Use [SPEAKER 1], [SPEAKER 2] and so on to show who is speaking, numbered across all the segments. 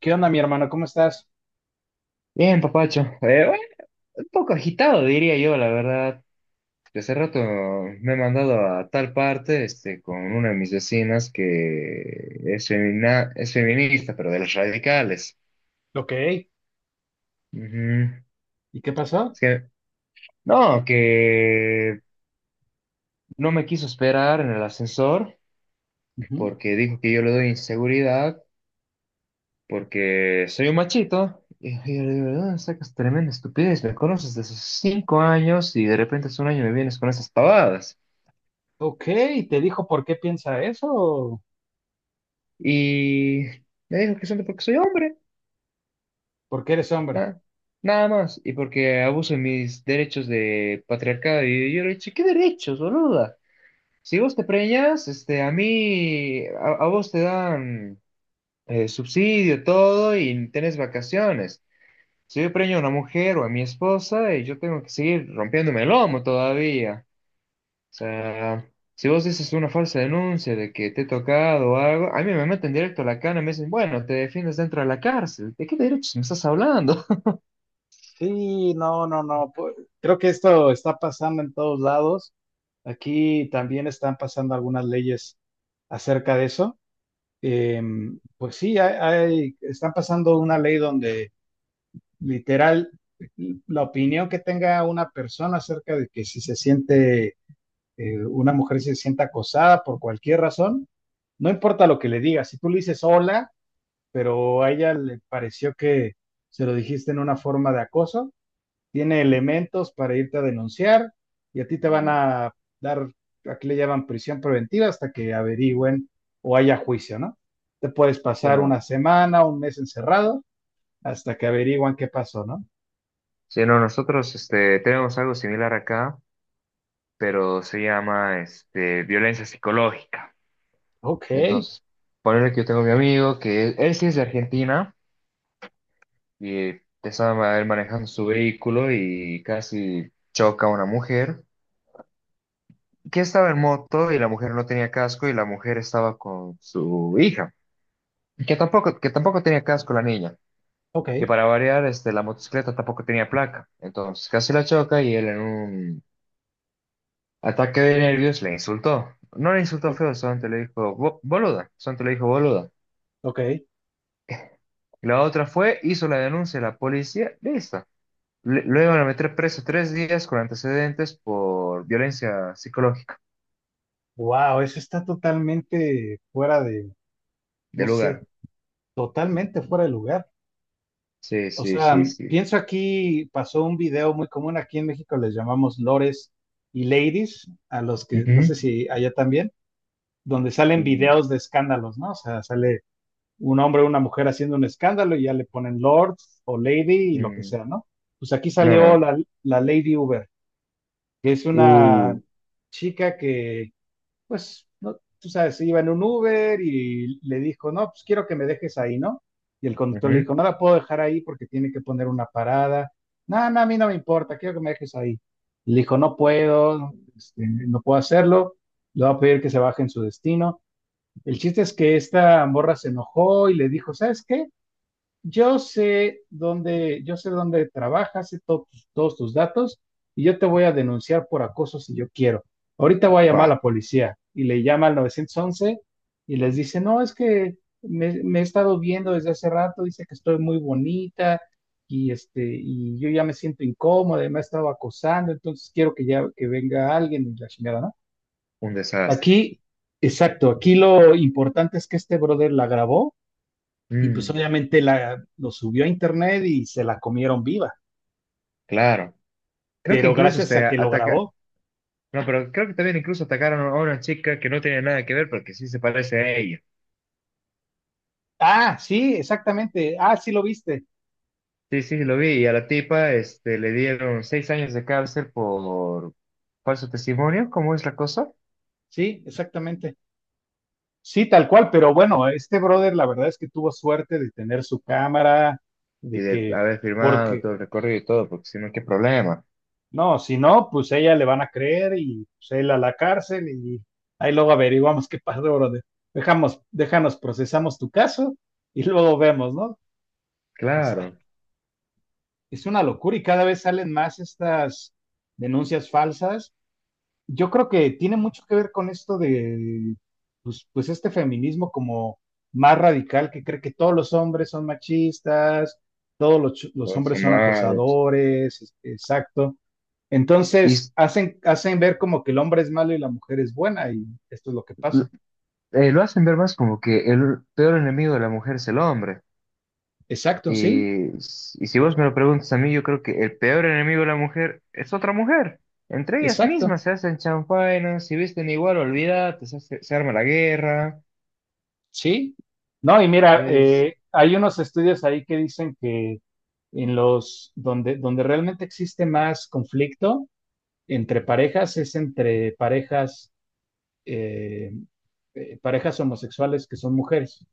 [SPEAKER 1] ¿Qué onda, mi hermano? ¿Cómo estás?
[SPEAKER 2] Bien, papacho. Bueno, un poco agitado, diría yo, la verdad. Hace rato me he mandado a tal parte, con una de mis vecinas que es femina, es feminista, pero de los radicales.
[SPEAKER 1] Ok.
[SPEAKER 2] Ujú.
[SPEAKER 1] ¿Y qué pasó?
[SPEAKER 2] Es que no me quiso esperar en el ascensor
[SPEAKER 1] Ujú.
[SPEAKER 2] porque dijo que yo le doy inseguridad porque soy un machito. Y yo le digo: "¿De dónde sacas tremenda estupidez? Me conoces desde sus cinco años y de repente hace un año me vienes con esas pavadas".
[SPEAKER 1] Ok, ¿te dijo por qué piensa eso?
[SPEAKER 2] Y me dijo que solo porque soy hombre,
[SPEAKER 1] ¿Por qué eres hombre?
[SPEAKER 2] nada, nada más. Y porque abuso de mis derechos de patriarcado. Y yo le dije: ¿qué derechos, boluda? Si vos te preñas, a vos te dan subsidio, todo, y tenés vacaciones. Si yo preño a una mujer o a mi esposa, yo tengo que seguir rompiéndome el lomo todavía. Sea, si vos dices una falsa denuncia de que te he tocado o algo, a mí me meten directo a la cana y me dicen: bueno, te defiendes dentro de la cárcel. ¿De qué derechos me estás hablando?
[SPEAKER 1] Sí, no, no, no, pues, creo que esto está pasando en todos lados. Aquí también están pasando algunas leyes acerca de eso. Pues sí, están pasando una ley donde literal la opinión que tenga una persona acerca de que si se siente una mujer se sienta acosada por cualquier razón, no importa lo que le digas, si tú le dices hola, pero a ella le pareció que se lo dijiste en una forma de acoso, tiene elementos para irte a denunciar y a ti te van
[SPEAKER 2] Mm,
[SPEAKER 1] a dar, aquí le llaman prisión preventiva hasta que averigüen o haya juicio, ¿no? Te puedes
[SPEAKER 2] sí,
[SPEAKER 1] pasar
[SPEAKER 2] no.
[SPEAKER 1] una semana, un mes encerrado hasta que averigüen qué pasó, ¿no?
[SPEAKER 2] Sí, no, nosotros tenemos algo similar acá, pero se llama violencia psicológica.
[SPEAKER 1] Ok,
[SPEAKER 2] Entonces, ponerle que yo tengo a mi amigo, que él sí es de Argentina, y estaba él manejando su vehículo y casi choca a una mujer que estaba en moto, y la mujer no tenía casco, y la mujer estaba con su hija, que tampoco tenía casco la niña.
[SPEAKER 1] ok,
[SPEAKER 2] Y para variar, la motocicleta tampoco tenía placa. Entonces casi la choca, y él en un ataque de nervios le insultó. No le insultó
[SPEAKER 1] o-
[SPEAKER 2] feo, solamente le dijo "boluda", solamente le dijo boluda.
[SPEAKER 1] ok.
[SPEAKER 2] Y la otra fue, hizo la denuncia a la policía, listo. Lo iban a meter preso tres días con antecedentes por violencia psicológica
[SPEAKER 1] Wow, eso está totalmente no
[SPEAKER 2] del
[SPEAKER 1] sé,
[SPEAKER 2] lugar.
[SPEAKER 1] totalmente fuera de lugar.
[SPEAKER 2] Sí,
[SPEAKER 1] O
[SPEAKER 2] sí,
[SPEAKER 1] sea,
[SPEAKER 2] sí, sí.
[SPEAKER 1] pienso aquí, pasó un video muy común. Aquí en México les llamamos lores y ladies, a los que no sé
[SPEAKER 2] Ujú.
[SPEAKER 1] si allá también, donde salen
[SPEAKER 2] Mm.
[SPEAKER 1] videos de escándalos, ¿no? O sea, sale un hombre o una mujer haciendo un escándalo y ya le ponen lord o lady y lo que
[SPEAKER 2] Mm.
[SPEAKER 1] sea, ¿no? Pues aquí
[SPEAKER 2] No,
[SPEAKER 1] salió
[SPEAKER 2] no.
[SPEAKER 1] la Lady Uber, que es una
[SPEAKER 2] Uh,
[SPEAKER 1] chica que, pues, no, tú sabes, iba en un Uber y le dijo, no, pues quiero que me dejes ahí, ¿no? Y el conductor le
[SPEAKER 2] ujú.
[SPEAKER 1] dijo, no la puedo dejar ahí porque tiene que poner una parada. No, no, a mí no me importa, quiero que me dejes ahí. Y le dijo, no puedo, este, no puedo hacerlo, le voy a pedir que se baje en su destino. El chiste es que esta morra se enojó y le dijo, ¿sabes qué? Yo sé dónde trabajas, sé todos tus datos y yo te voy a denunciar por acoso si yo quiero. Ahorita voy a llamar a
[SPEAKER 2] Buah,
[SPEAKER 1] la policía y le llama al 911 y les dice, no, es que me he estado viendo desde hace rato, dice que estoy muy bonita y, este, y yo ya me siento incómoda y me ha estado acosando, entonces quiero que ya que venga alguien y la chingada, ¿no?
[SPEAKER 2] un desastre.
[SPEAKER 1] Aquí, exacto, aquí lo importante es que este brother la grabó y pues
[SPEAKER 2] Mm,
[SPEAKER 1] obviamente lo subió a internet y se la comieron viva,
[SPEAKER 2] claro. Creo que
[SPEAKER 1] pero
[SPEAKER 2] incluso
[SPEAKER 1] gracias
[SPEAKER 2] usted
[SPEAKER 1] a que lo
[SPEAKER 2] ataca.
[SPEAKER 1] grabó.
[SPEAKER 2] No, pero creo que también incluso atacaron a una chica que no tenía nada que ver porque sí se parece a ella.
[SPEAKER 1] Ah, sí, exactamente. Ah, sí, lo viste.
[SPEAKER 2] Sí, sí, lo vi. Y a la tipa, le dieron seis años de cárcel por falso testimonio. ¿Cómo es la cosa?
[SPEAKER 1] Sí, exactamente. Sí, tal cual, pero bueno, este brother la verdad es que tuvo suerte de tener su cámara,
[SPEAKER 2] Y
[SPEAKER 1] de
[SPEAKER 2] de
[SPEAKER 1] que,
[SPEAKER 2] haber firmado
[SPEAKER 1] porque,
[SPEAKER 2] todo el recorrido y todo, porque si no, qué problema.
[SPEAKER 1] no, si no, pues ella le van a creer y pues él a la cárcel y ahí luego averiguamos qué pasó, brother. Déjanos, procesamos tu caso y luego vemos, ¿no? O sea,
[SPEAKER 2] Claro,
[SPEAKER 1] es una locura y cada vez salen más estas denuncias falsas. Yo creo que tiene mucho que ver con esto de, pues este feminismo como más radical que cree que todos los hombres son machistas, los
[SPEAKER 2] todos
[SPEAKER 1] hombres
[SPEAKER 2] son
[SPEAKER 1] son
[SPEAKER 2] malos.
[SPEAKER 1] acosadores, exacto.
[SPEAKER 2] Y
[SPEAKER 1] Entonces
[SPEAKER 2] s-
[SPEAKER 1] hacen ver como que el hombre es malo y la mujer es buena y esto es lo que pasa.
[SPEAKER 2] l- lo hacen ver más como que el peor enemigo de la mujer es el hombre.
[SPEAKER 1] Exacto, sí,
[SPEAKER 2] Y si vos me lo preguntas a mí, yo creo que el peor enemigo de la mujer es otra mujer. Entre ellas
[SPEAKER 1] exacto.
[SPEAKER 2] mismas se hacen chanfainas; si visten igual, olvídate, se arma la guerra.
[SPEAKER 1] Sí, no, y mira,
[SPEAKER 2] Es...
[SPEAKER 1] hay unos estudios ahí que dicen que donde realmente existe más conflicto entre parejas es entre parejas, eh, parejas homosexuales que son mujeres.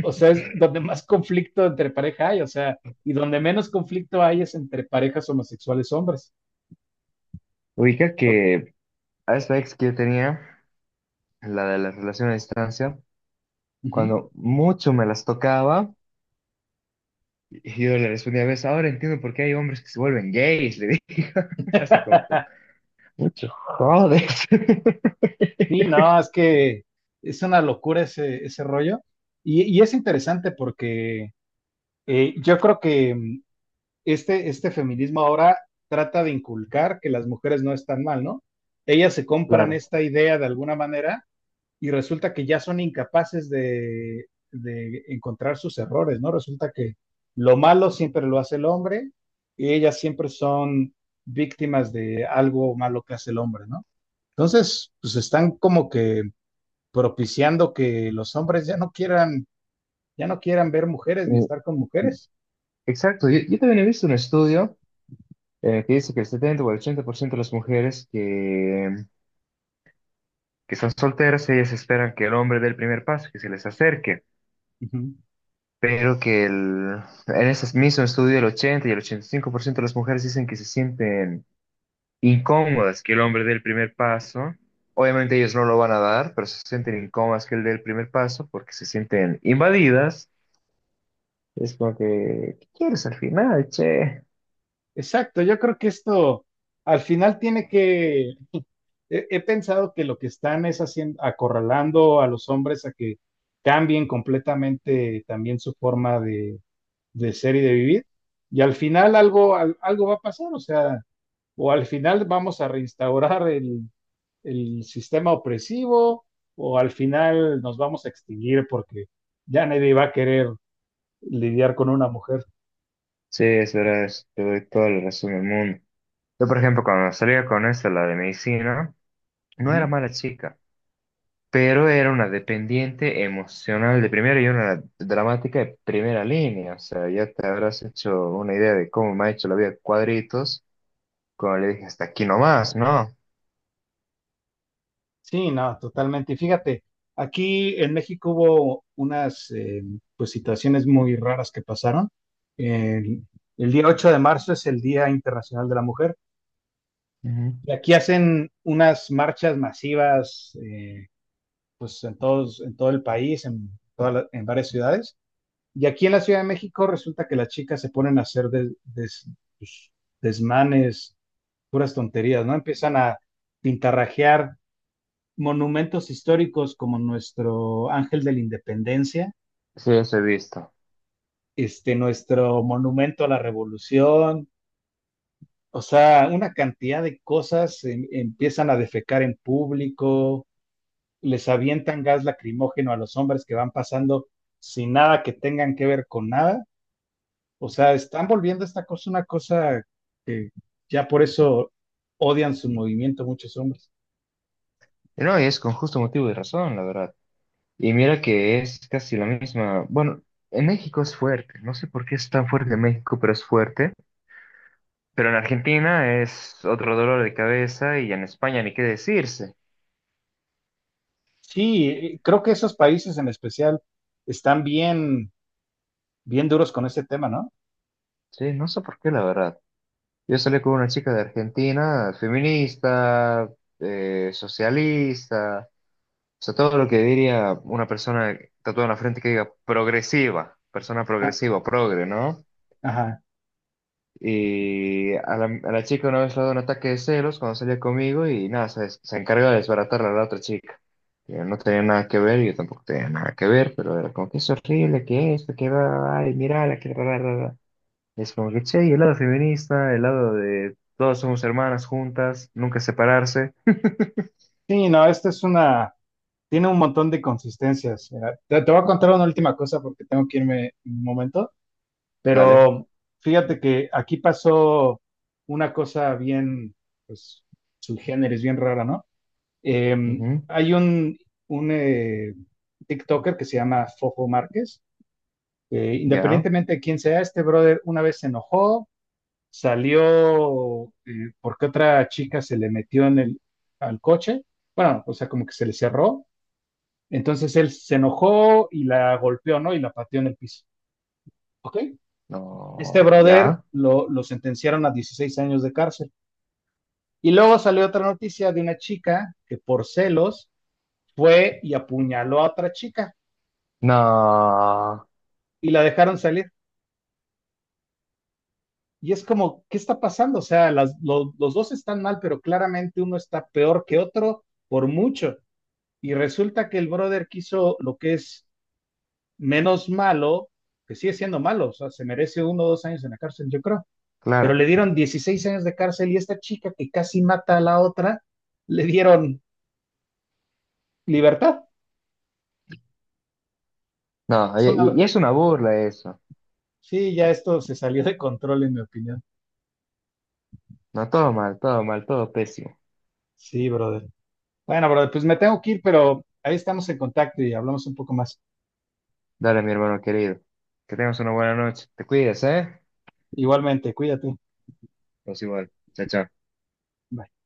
[SPEAKER 1] O sea, es donde más conflicto entre pareja hay, o sea, y donde menos conflicto hay es entre parejas homosexuales hombres.
[SPEAKER 2] Ubica
[SPEAKER 1] O-
[SPEAKER 2] que a esta ex que yo tenía, la de la relación a distancia,
[SPEAKER 1] ujú.
[SPEAKER 2] cuando mucho me las tocaba, y yo le respondía a veces: ahora entiendo por qué hay hombres que se vuelven gays, le dije, así como que, mucho jodes.
[SPEAKER 1] Sí, no, es que es una locura ese rollo. Y es interesante porque yo creo que este feminismo ahora trata de inculcar que las mujeres no están mal, ¿no? Ellas se compran
[SPEAKER 2] Claro.
[SPEAKER 1] esta idea de alguna manera y resulta que ya son incapaces de encontrar sus errores, ¿no? Resulta que lo malo siempre lo hace el hombre y ellas siempre son víctimas de algo malo que hace el hombre, ¿no? Entonces, pues están como que propiciando que los hombres ya no quieran, ver mujeres ni estar con mujeres.
[SPEAKER 2] Exacto, yo también he visto un estudio que dice que el 70 o el 80% de las mujeres que son solteras, ellas esperan que el hombre dé el primer paso, que se les acerque,
[SPEAKER 1] Uh -huh.
[SPEAKER 2] pero que el, en ese mismo estudio el 80 y el 85% de las mujeres dicen que se sienten incómodas que el hombre dé el primer paso. Obviamente ellos no lo van a dar, pero se sienten incómodas que él dé el primer paso porque se sienten invadidas. Es como que, ¿qué quieres al final? Che,
[SPEAKER 1] Exacto, yo creo que esto al final he pensado que lo que están es haciendo, acorralando a los hombres a que cambien completamente también su forma de ser y de vivir, y al final algo va a pasar, o sea, o al final vamos a reinstaurar el sistema opresivo, o al final nos vamos a extinguir porque ya nadie va a querer lidiar con una mujer.
[SPEAKER 2] sí, es verdad, te doy toda la razón del mundo. Yo, por ejemplo, cuando salía con esta, la de medicina, no era mala chica, pero era una dependiente emocional de primera y una dramática de primera línea. O sea, ya te habrás hecho una idea de cómo me ha hecho la vida cuadritos cuando le dije hasta aquí nomás, ¿no?
[SPEAKER 1] Sí, no, totalmente. Y fíjate, aquí en México hubo unas pues situaciones muy raras que pasaron. El, el día 8 de marzo es el Día Internacional de la Mujer
[SPEAKER 2] Ujú.
[SPEAKER 1] y aquí hacen unas marchas masivas, pues en todo el país, en varias ciudades. Y aquí en la Ciudad de México resulta que las chicas se ponen a hacer pues, desmanes, puras tonterías, ¿no? Empiezan a pintarrajear monumentos históricos como nuestro Ángel de la Independencia,
[SPEAKER 2] Sí, eso he visto.
[SPEAKER 1] este, nuestro monumento a la Revolución, o sea, una cantidad de cosas, empiezan a defecar en público, les avientan gas lacrimógeno a los hombres que van pasando sin nada que tengan que ver con nada. O sea, están volviendo esta cosa una cosa que ya por eso odian su movimiento muchos hombres.
[SPEAKER 2] Y no, y es con justo motivo y razón, la verdad. Y mira que es casi la misma. Bueno, en México es fuerte. No sé por qué es tan fuerte en México, pero es fuerte. Pero en Argentina es otro dolor de cabeza, y en España ni qué decirse.
[SPEAKER 1] Sí, creo que esos países en especial están bien bien duros con este tema, ¿no?
[SPEAKER 2] Sí, no sé por qué, la verdad. Yo salí con una chica de Argentina, feminista, socialista, o sea, todo lo que diría una persona tatuada en la frente que diga progresiva, persona
[SPEAKER 1] Ah,
[SPEAKER 2] progresiva, progre, ¿no?
[SPEAKER 1] ajá.
[SPEAKER 2] Y a la chica una vez le ha dado un ataque de celos cuando salía conmigo, y nada, se encarga de desbaratarla a la otra chica. Yo no tenía nada que ver, yo tampoco tenía nada que ver, pero era como que "es horrible, que esto, que va, ay, mira, la que bla, bla, bla, bla". Es como que, che, y el lado feminista, el lado de todas somos hermanas juntas, nunca separarse,
[SPEAKER 1] Sí, no, tiene un montón de consistencias. Mira, te voy a contar una última cosa porque tengo que irme un momento,
[SPEAKER 2] dale,
[SPEAKER 1] pero fíjate que aquí pasó una cosa pues, su género es bien rara, ¿no?
[SPEAKER 2] ujú,
[SPEAKER 1] Hay un TikToker que se llama Fofo Márquez, que
[SPEAKER 2] ya,
[SPEAKER 1] independientemente de quién sea, este brother una vez se enojó, salió, porque otra chica se le metió en al coche, bueno, o sea, como que se le cerró, entonces él se enojó y la golpeó, ¿no? Y la pateó en el piso, ¿ok? Este
[SPEAKER 2] no,
[SPEAKER 1] brother
[SPEAKER 2] ya,
[SPEAKER 1] lo sentenciaron a 16 años de cárcel. Y luego salió otra noticia de una chica que por celos fue y apuñaló a otra chica
[SPEAKER 2] no,
[SPEAKER 1] y la dejaron salir. Y es como, ¿qué está pasando? O sea, los dos están mal, pero claramente uno está peor que otro por mucho. Y resulta que el brother quiso lo que es menos malo, que sigue siendo malo, o sea, se merece 1 o 2 años en la cárcel, yo creo. Pero
[SPEAKER 2] claro,
[SPEAKER 1] le dieron 16 años de cárcel y esta chica que casi mata a la otra, le dieron libertad.
[SPEAKER 2] no,
[SPEAKER 1] Es
[SPEAKER 2] y, y-
[SPEAKER 1] una...
[SPEAKER 2] y es una burla eso,
[SPEAKER 1] Sí, ya esto se salió de control, en mi opinión.
[SPEAKER 2] no, todo mal, todo mal, todo pésimo.
[SPEAKER 1] Sí, brother. Bueno, brother, pues me tengo que ir, pero ahí estamos en contacto y hablamos un poco más.
[SPEAKER 2] Dale, mi hermano querido. Que tengas una buena noche. Te cuidas, ¿eh?
[SPEAKER 1] Igualmente, cuídate.
[SPEAKER 2] Pues igual. Chao, chao.
[SPEAKER 1] Bye.